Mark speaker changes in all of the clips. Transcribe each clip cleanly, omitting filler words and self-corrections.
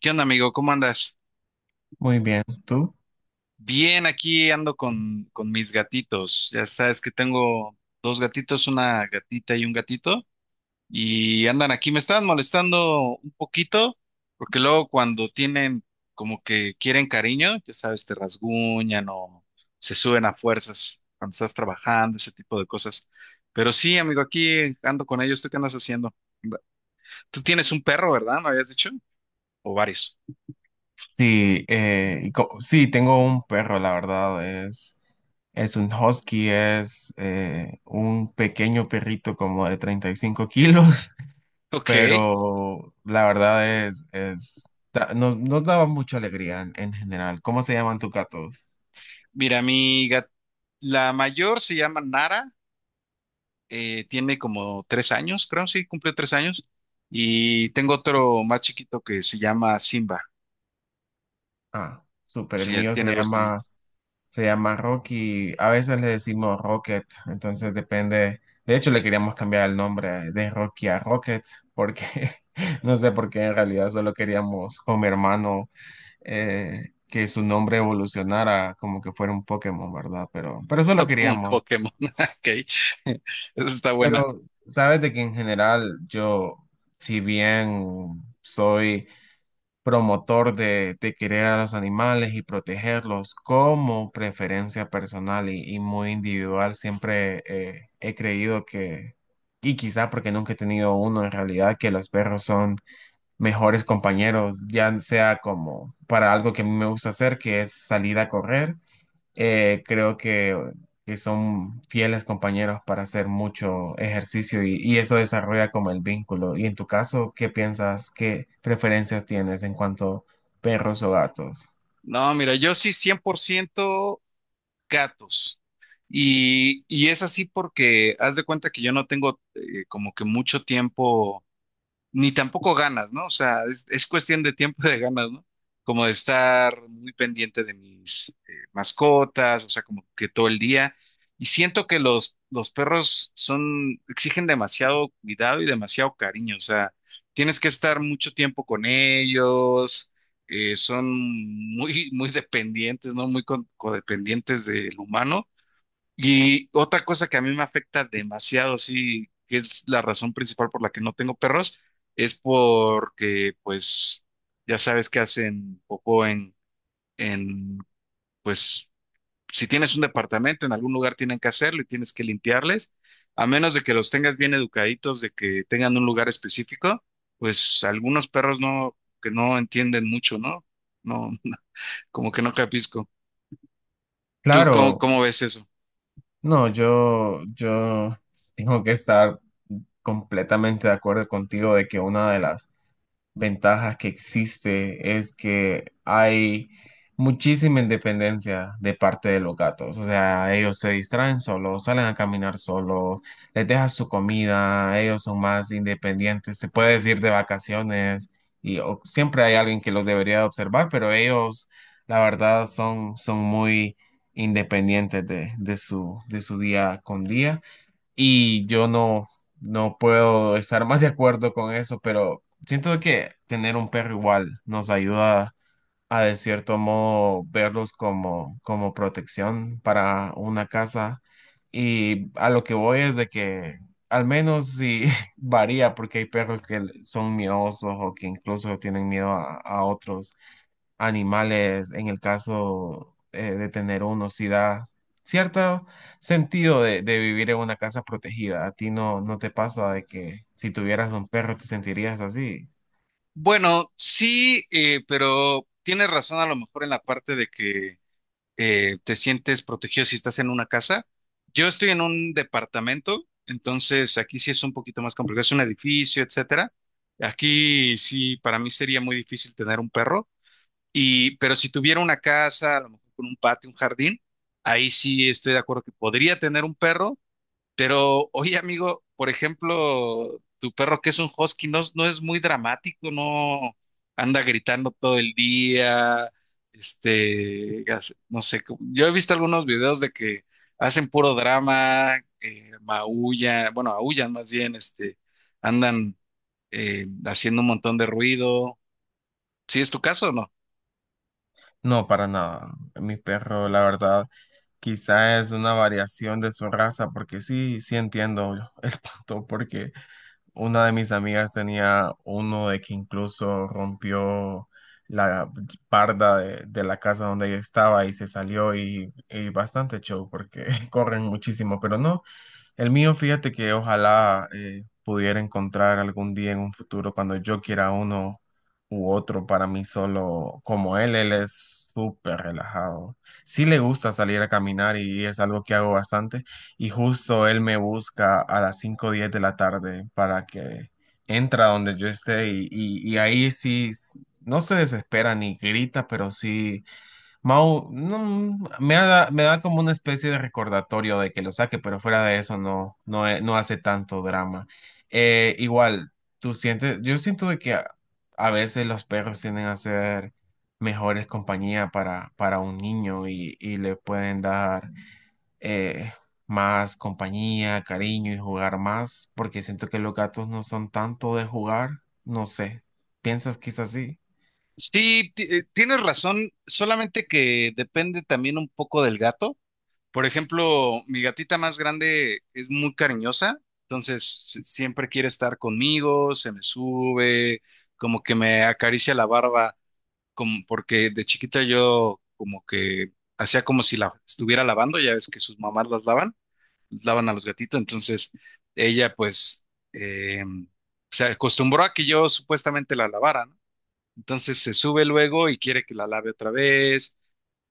Speaker 1: ¿Qué onda, amigo? ¿Cómo andas?
Speaker 2: Muy bien, ¿tú?
Speaker 1: Bien, aquí ando con mis gatitos. Ya sabes que tengo dos gatitos, una gatita y un gatito, y andan aquí, me están molestando un poquito, porque luego cuando tienen como que quieren cariño, ya sabes, te rasguñan o se suben a fuerzas cuando estás trabajando, ese tipo de cosas. Pero sí, amigo, aquí ando con ellos. ¿Tú qué andas haciendo? Tú tienes un perro, ¿verdad? ¿Me habías dicho? ¿O varios?
Speaker 2: Sí, tengo un perro, la verdad, es un husky, es un pequeño perrito como de 35 kilos,
Speaker 1: Ok.
Speaker 2: pero la verdad nos daba mucha alegría en general. ¿Cómo se llaman tus gatos?
Speaker 1: Mira, la mayor se llama Nara, tiene como tres años, creo, sí, cumplió 3 años. Y tengo otro más chiquito que se llama Simba.
Speaker 2: Ah, súper, el
Speaker 1: Sí, él
Speaker 2: mío
Speaker 1: tiene
Speaker 2: se
Speaker 1: dos
Speaker 2: llama...
Speaker 1: añitos,
Speaker 2: Se llama Rocky, a veces le decimos Rocket, entonces depende. De hecho, le queríamos cambiar el nombre de Rocky a Rocket, porque no sé por qué en realidad solo queríamos con mi hermano que su nombre evolucionara como que fuera un Pokémon, ¿verdad? Pero eso lo
Speaker 1: No, como un
Speaker 2: queríamos.
Speaker 1: Pokémon. Ok, eso está buena.
Speaker 2: Pero sabes de que en general yo, si bien soy promotor de querer a los animales y protegerlos como preferencia personal y muy individual. Siempre he creído y quizá porque nunca he tenido uno en realidad, que los perros son mejores compañeros, ya sea como para algo que a mí me gusta hacer, que es salir a correr creo que son fieles compañeros para hacer mucho ejercicio y eso desarrolla como el vínculo. Y en tu caso, ¿qué piensas, qué preferencias tienes en cuanto a perros o gatos?
Speaker 1: No, mira, yo sí 100% gatos. Y es así porque haz de cuenta que yo no tengo como que mucho tiempo ni tampoco ganas, ¿no? O sea, es cuestión de tiempo y de ganas, ¿no? Como de estar muy pendiente de mis mascotas, o sea, como que todo el día. Y siento que los perros son, exigen demasiado cuidado y demasiado cariño, o sea, tienes que estar mucho tiempo con ellos, son muy, muy dependientes, ¿no? Codependientes del humano. Y otra cosa que a mí me afecta demasiado, sí, que es la razón principal por la que no tengo perros, es porque, pues, ya sabes que hacen popó en, pues, si tienes un departamento, en algún lugar tienen que hacerlo y tienes que limpiarles, a menos de que los tengas bien educaditos, de que tengan un lugar específico, pues algunos perros no, que no entienden mucho, ¿no? No, como que no capisco. ¿Tú cómo,
Speaker 2: Claro,
Speaker 1: cómo ves eso?
Speaker 2: no, yo tengo que estar completamente de acuerdo contigo de que una de las ventajas que existe es que hay muchísima independencia de parte de los gatos. O sea, ellos se distraen solos, salen a caminar solos, les dejas su comida, ellos son más independientes, te puedes ir de vacaciones y o- siempre hay alguien que los debería de observar, pero ellos, la verdad, son muy independientes de su día con día. Y yo no puedo estar más de acuerdo con eso, pero siento que tener un perro igual nos ayuda a de cierto modo verlos como protección para una casa. Y a lo que voy es de que al menos sí varía, porque hay perros que son miedosos o que incluso tienen miedo a otros animales en el caso de tener uno, si da cierto sentido de vivir en una casa protegida. ¿A ti no te pasa de que si tuvieras un perro te sentirías así?
Speaker 1: Bueno, sí, pero tienes razón a lo mejor en la parte de que te sientes protegido si estás en una casa. Yo estoy en un departamento, entonces aquí sí es un poquito más complicado, es un edificio, etcétera. Aquí sí, para mí sería muy difícil tener un perro, y, pero si tuviera una casa, a lo mejor con un patio, un jardín, ahí sí estoy de acuerdo que podría tener un perro, pero, oye, amigo, por ejemplo, tu perro que es un husky no, no es muy dramático, no anda gritando todo el día, este, no sé, yo he visto algunos videos de que hacen puro drama, maullan, bueno, aullan más bien, este, andan haciendo un montón de ruido. ¿Sí es tu caso o no?
Speaker 2: No, para nada. Mi perro, la verdad, quizá es una variación de su raza, porque sí, sí entiendo el punto, porque una de mis amigas tenía uno de que incluso rompió la parda de la casa donde ella estaba y se salió y bastante show porque corren muchísimo, pero no. El mío, fíjate que ojalá pudiera encontrar algún día en un futuro cuando yo quiera uno u otro para mí solo como él. Él es súper relajado. Sí le gusta salir a caminar y es algo que hago bastante. Y justo él me busca a las 5 o 10 de la tarde para que entra donde yo esté y, y ahí sí no se desespera ni grita, pero sí mau, no, me da como una especie de recordatorio de que lo saque, pero fuera de eso no, no hace tanto drama. Igual, tú sientes, yo siento de que a veces los perros tienden a ser mejores compañía para un niño y le pueden dar eh, más compañía, cariño y jugar más, porque siento que los gatos no son tanto de jugar, no sé, ¿piensas que es así?
Speaker 1: Sí, tienes razón, solamente que depende también un poco del gato. Por ejemplo, mi gatita más grande es muy cariñosa, entonces siempre quiere estar conmigo, se me sube, como que me acaricia la barba, como porque de chiquita yo como que hacía como si la estuviera lavando, ya ves que sus mamás las lavan, lavan a los gatitos, entonces ella pues eh, se acostumbró a que yo supuestamente la lavara, ¿no? Entonces se sube luego y quiere que la lave otra vez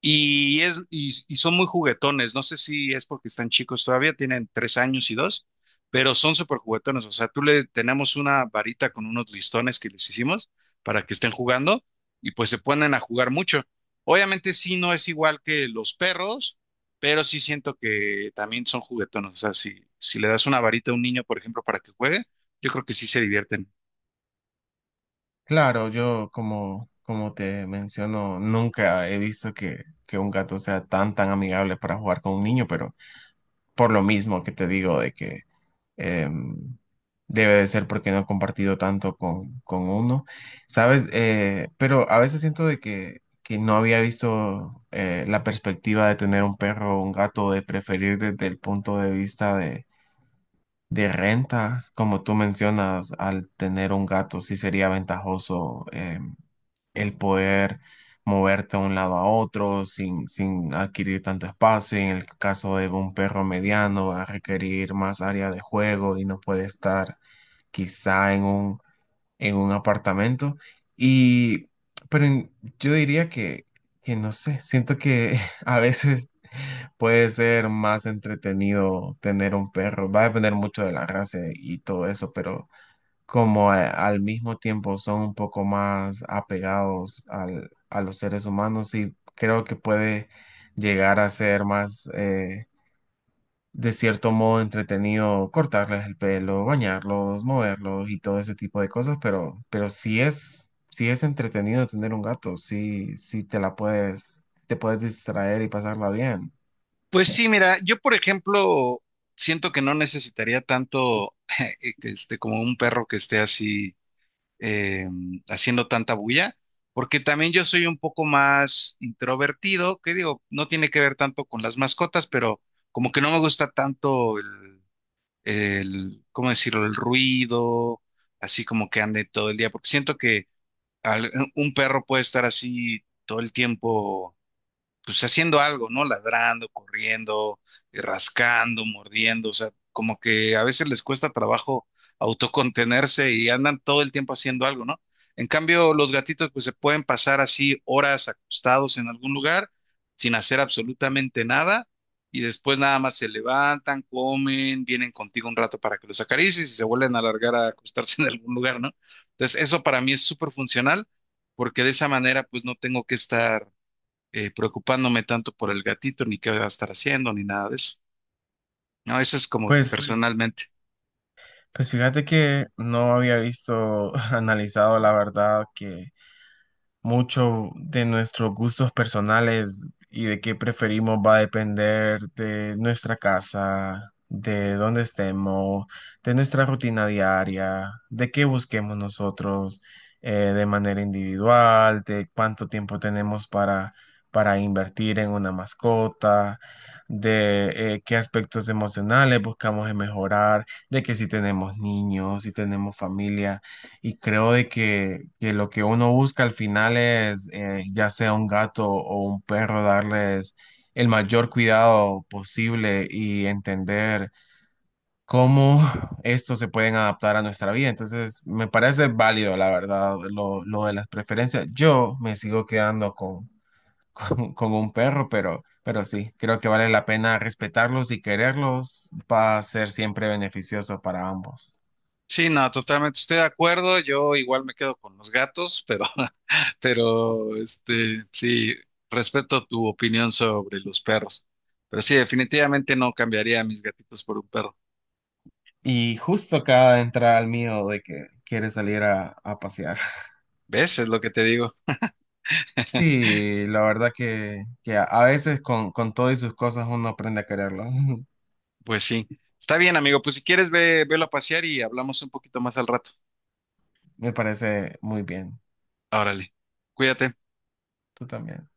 Speaker 1: y son muy juguetones, no sé si es porque están chicos todavía, tienen 3 años y 2, pero son súper juguetones, o sea, tú le tenemos una varita con unos listones que les hicimos para que estén jugando y pues se ponen a jugar mucho. Obviamente sí, no es igual que los perros, pero sí siento que también son juguetones, o sea, si le das una varita a un niño, por ejemplo, para que juegue, yo creo que sí se divierten.
Speaker 2: Claro, yo como te menciono, nunca he visto que un gato sea tan tan amigable para jugar con un niño, pero por lo mismo que te digo de que em, debe de ser porque no he compartido tanto con uno, ¿sabes? Pero a veces siento de que no había visto la perspectiva de tener un perro o un gato, de preferir desde el punto de vista de renta como tú mencionas, al tener un gato sí sería ventajoso el poder moverte de un lado a otro sin adquirir tanto espacio. Y en el caso de un perro mediano va a requerir más área de juego y no puede estar quizá en un apartamento. Y, pero yo diría que no sé, siento que a veces puede ser más entretenido tener un perro. Va a depender mucho de la raza y todo eso, pero como al mismo tiempo son un poco más apegados a los seres humanos y creo que puede llegar a ser más... de cierto modo entretenido cortarles el pelo, bañarlos, moverlos y todo ese tipo de cosas, pero sí es entretenido tener un gato, sí, sí te la puedes distraer y pasarla bien.
Speaker 1: Pues sí, mira, yo por ejemplo siento que no necesitaría tanto que esté como un perro que esté así eh, haciendo tanta bulla, porque también yo soy un poco más introvertido, que digo, no tiene que ver tanto con las mascotas, pero como que no me gusta tanto ¿cómo decirlo? El ruido, así como que ande todo el día, porque siento que un perro puede estar así todo el tiempo pues haciendo algo, ¿no? Ladrando, corriendo, rascando, mordiendo, o sea, como que a veces les cuesta trabajo autocontenerse y andan todo el tiempo haciendo algo, ¿no? En cambio, los gatitos pues se pueden pasar así horas acostados en algún lugar sin hacer absolutamente nada y después nada más se levantan, comen, vienen contigo un rato para que los acaricies y se vuelven a alargar a acostarse en algún lugar, ¿no? Entonces, eso para mí es súper funcional porque de esa manera pues no tengo que estar preocupándome tanto por el gatito, ni qué va a estar haciendo, ni nada de eso. No, eso es como, pues,
Speaker 2: Pues
Speaker 1: personalmente.
Speaker 2: Pues fíjate que no había visto, analizado la verdad que, mucho de nuestros gustos personales y de qué preferimos va a depender de nuestra casa, de dónde estemos, de nuestra rutina diaria, de qué busquemos nosotros de manera individual, de cuánto tiempo tenemos para invertir en una mascota. De qué aspectos emocionales buscamos en mejorar, de que si tenemos niños, si tenemos familia. Y creo de que lo que uno busca al final es, ya sea un gato o un perro, darles el mayor cuidado posible y entender cómo estos se pueden adaptar a nuestra vida. Entonces, me parece válido, la verdad, lo de las preferencias. Yo me sigo quedando con, con un perro, pero sí, creo que vale la pena respetarlos y quererlos. Va a ser siempre beneficioso para ambos.
Speaker 1: Sí, no, totalmente estoy de acuerdo. Yo igual me quedo con los gatos, pero, pero, este, sí, respeto tu opinión sobre los perros. Pero sí, definitivamente no cambiaría a mis gatitos por un perro.
Speaker 2: Y justo acaba de entrar al mío de que quiere salir a pasear.
Speaker 1: ¿Ves? Es lo que te digo.
Speaker 2: Sí, la verdad que a veces con todo y sus cosas uno aprende a quererlo.
Speaker 1: Pues sí. Está bien, amigo. Pues si quieres, velo a pasear y hablamos un poquito más al rato.
Speaker 2: Me parece muy bien.
Speaker 1: Órale. Cuídate.
Speaker 2: Tú también.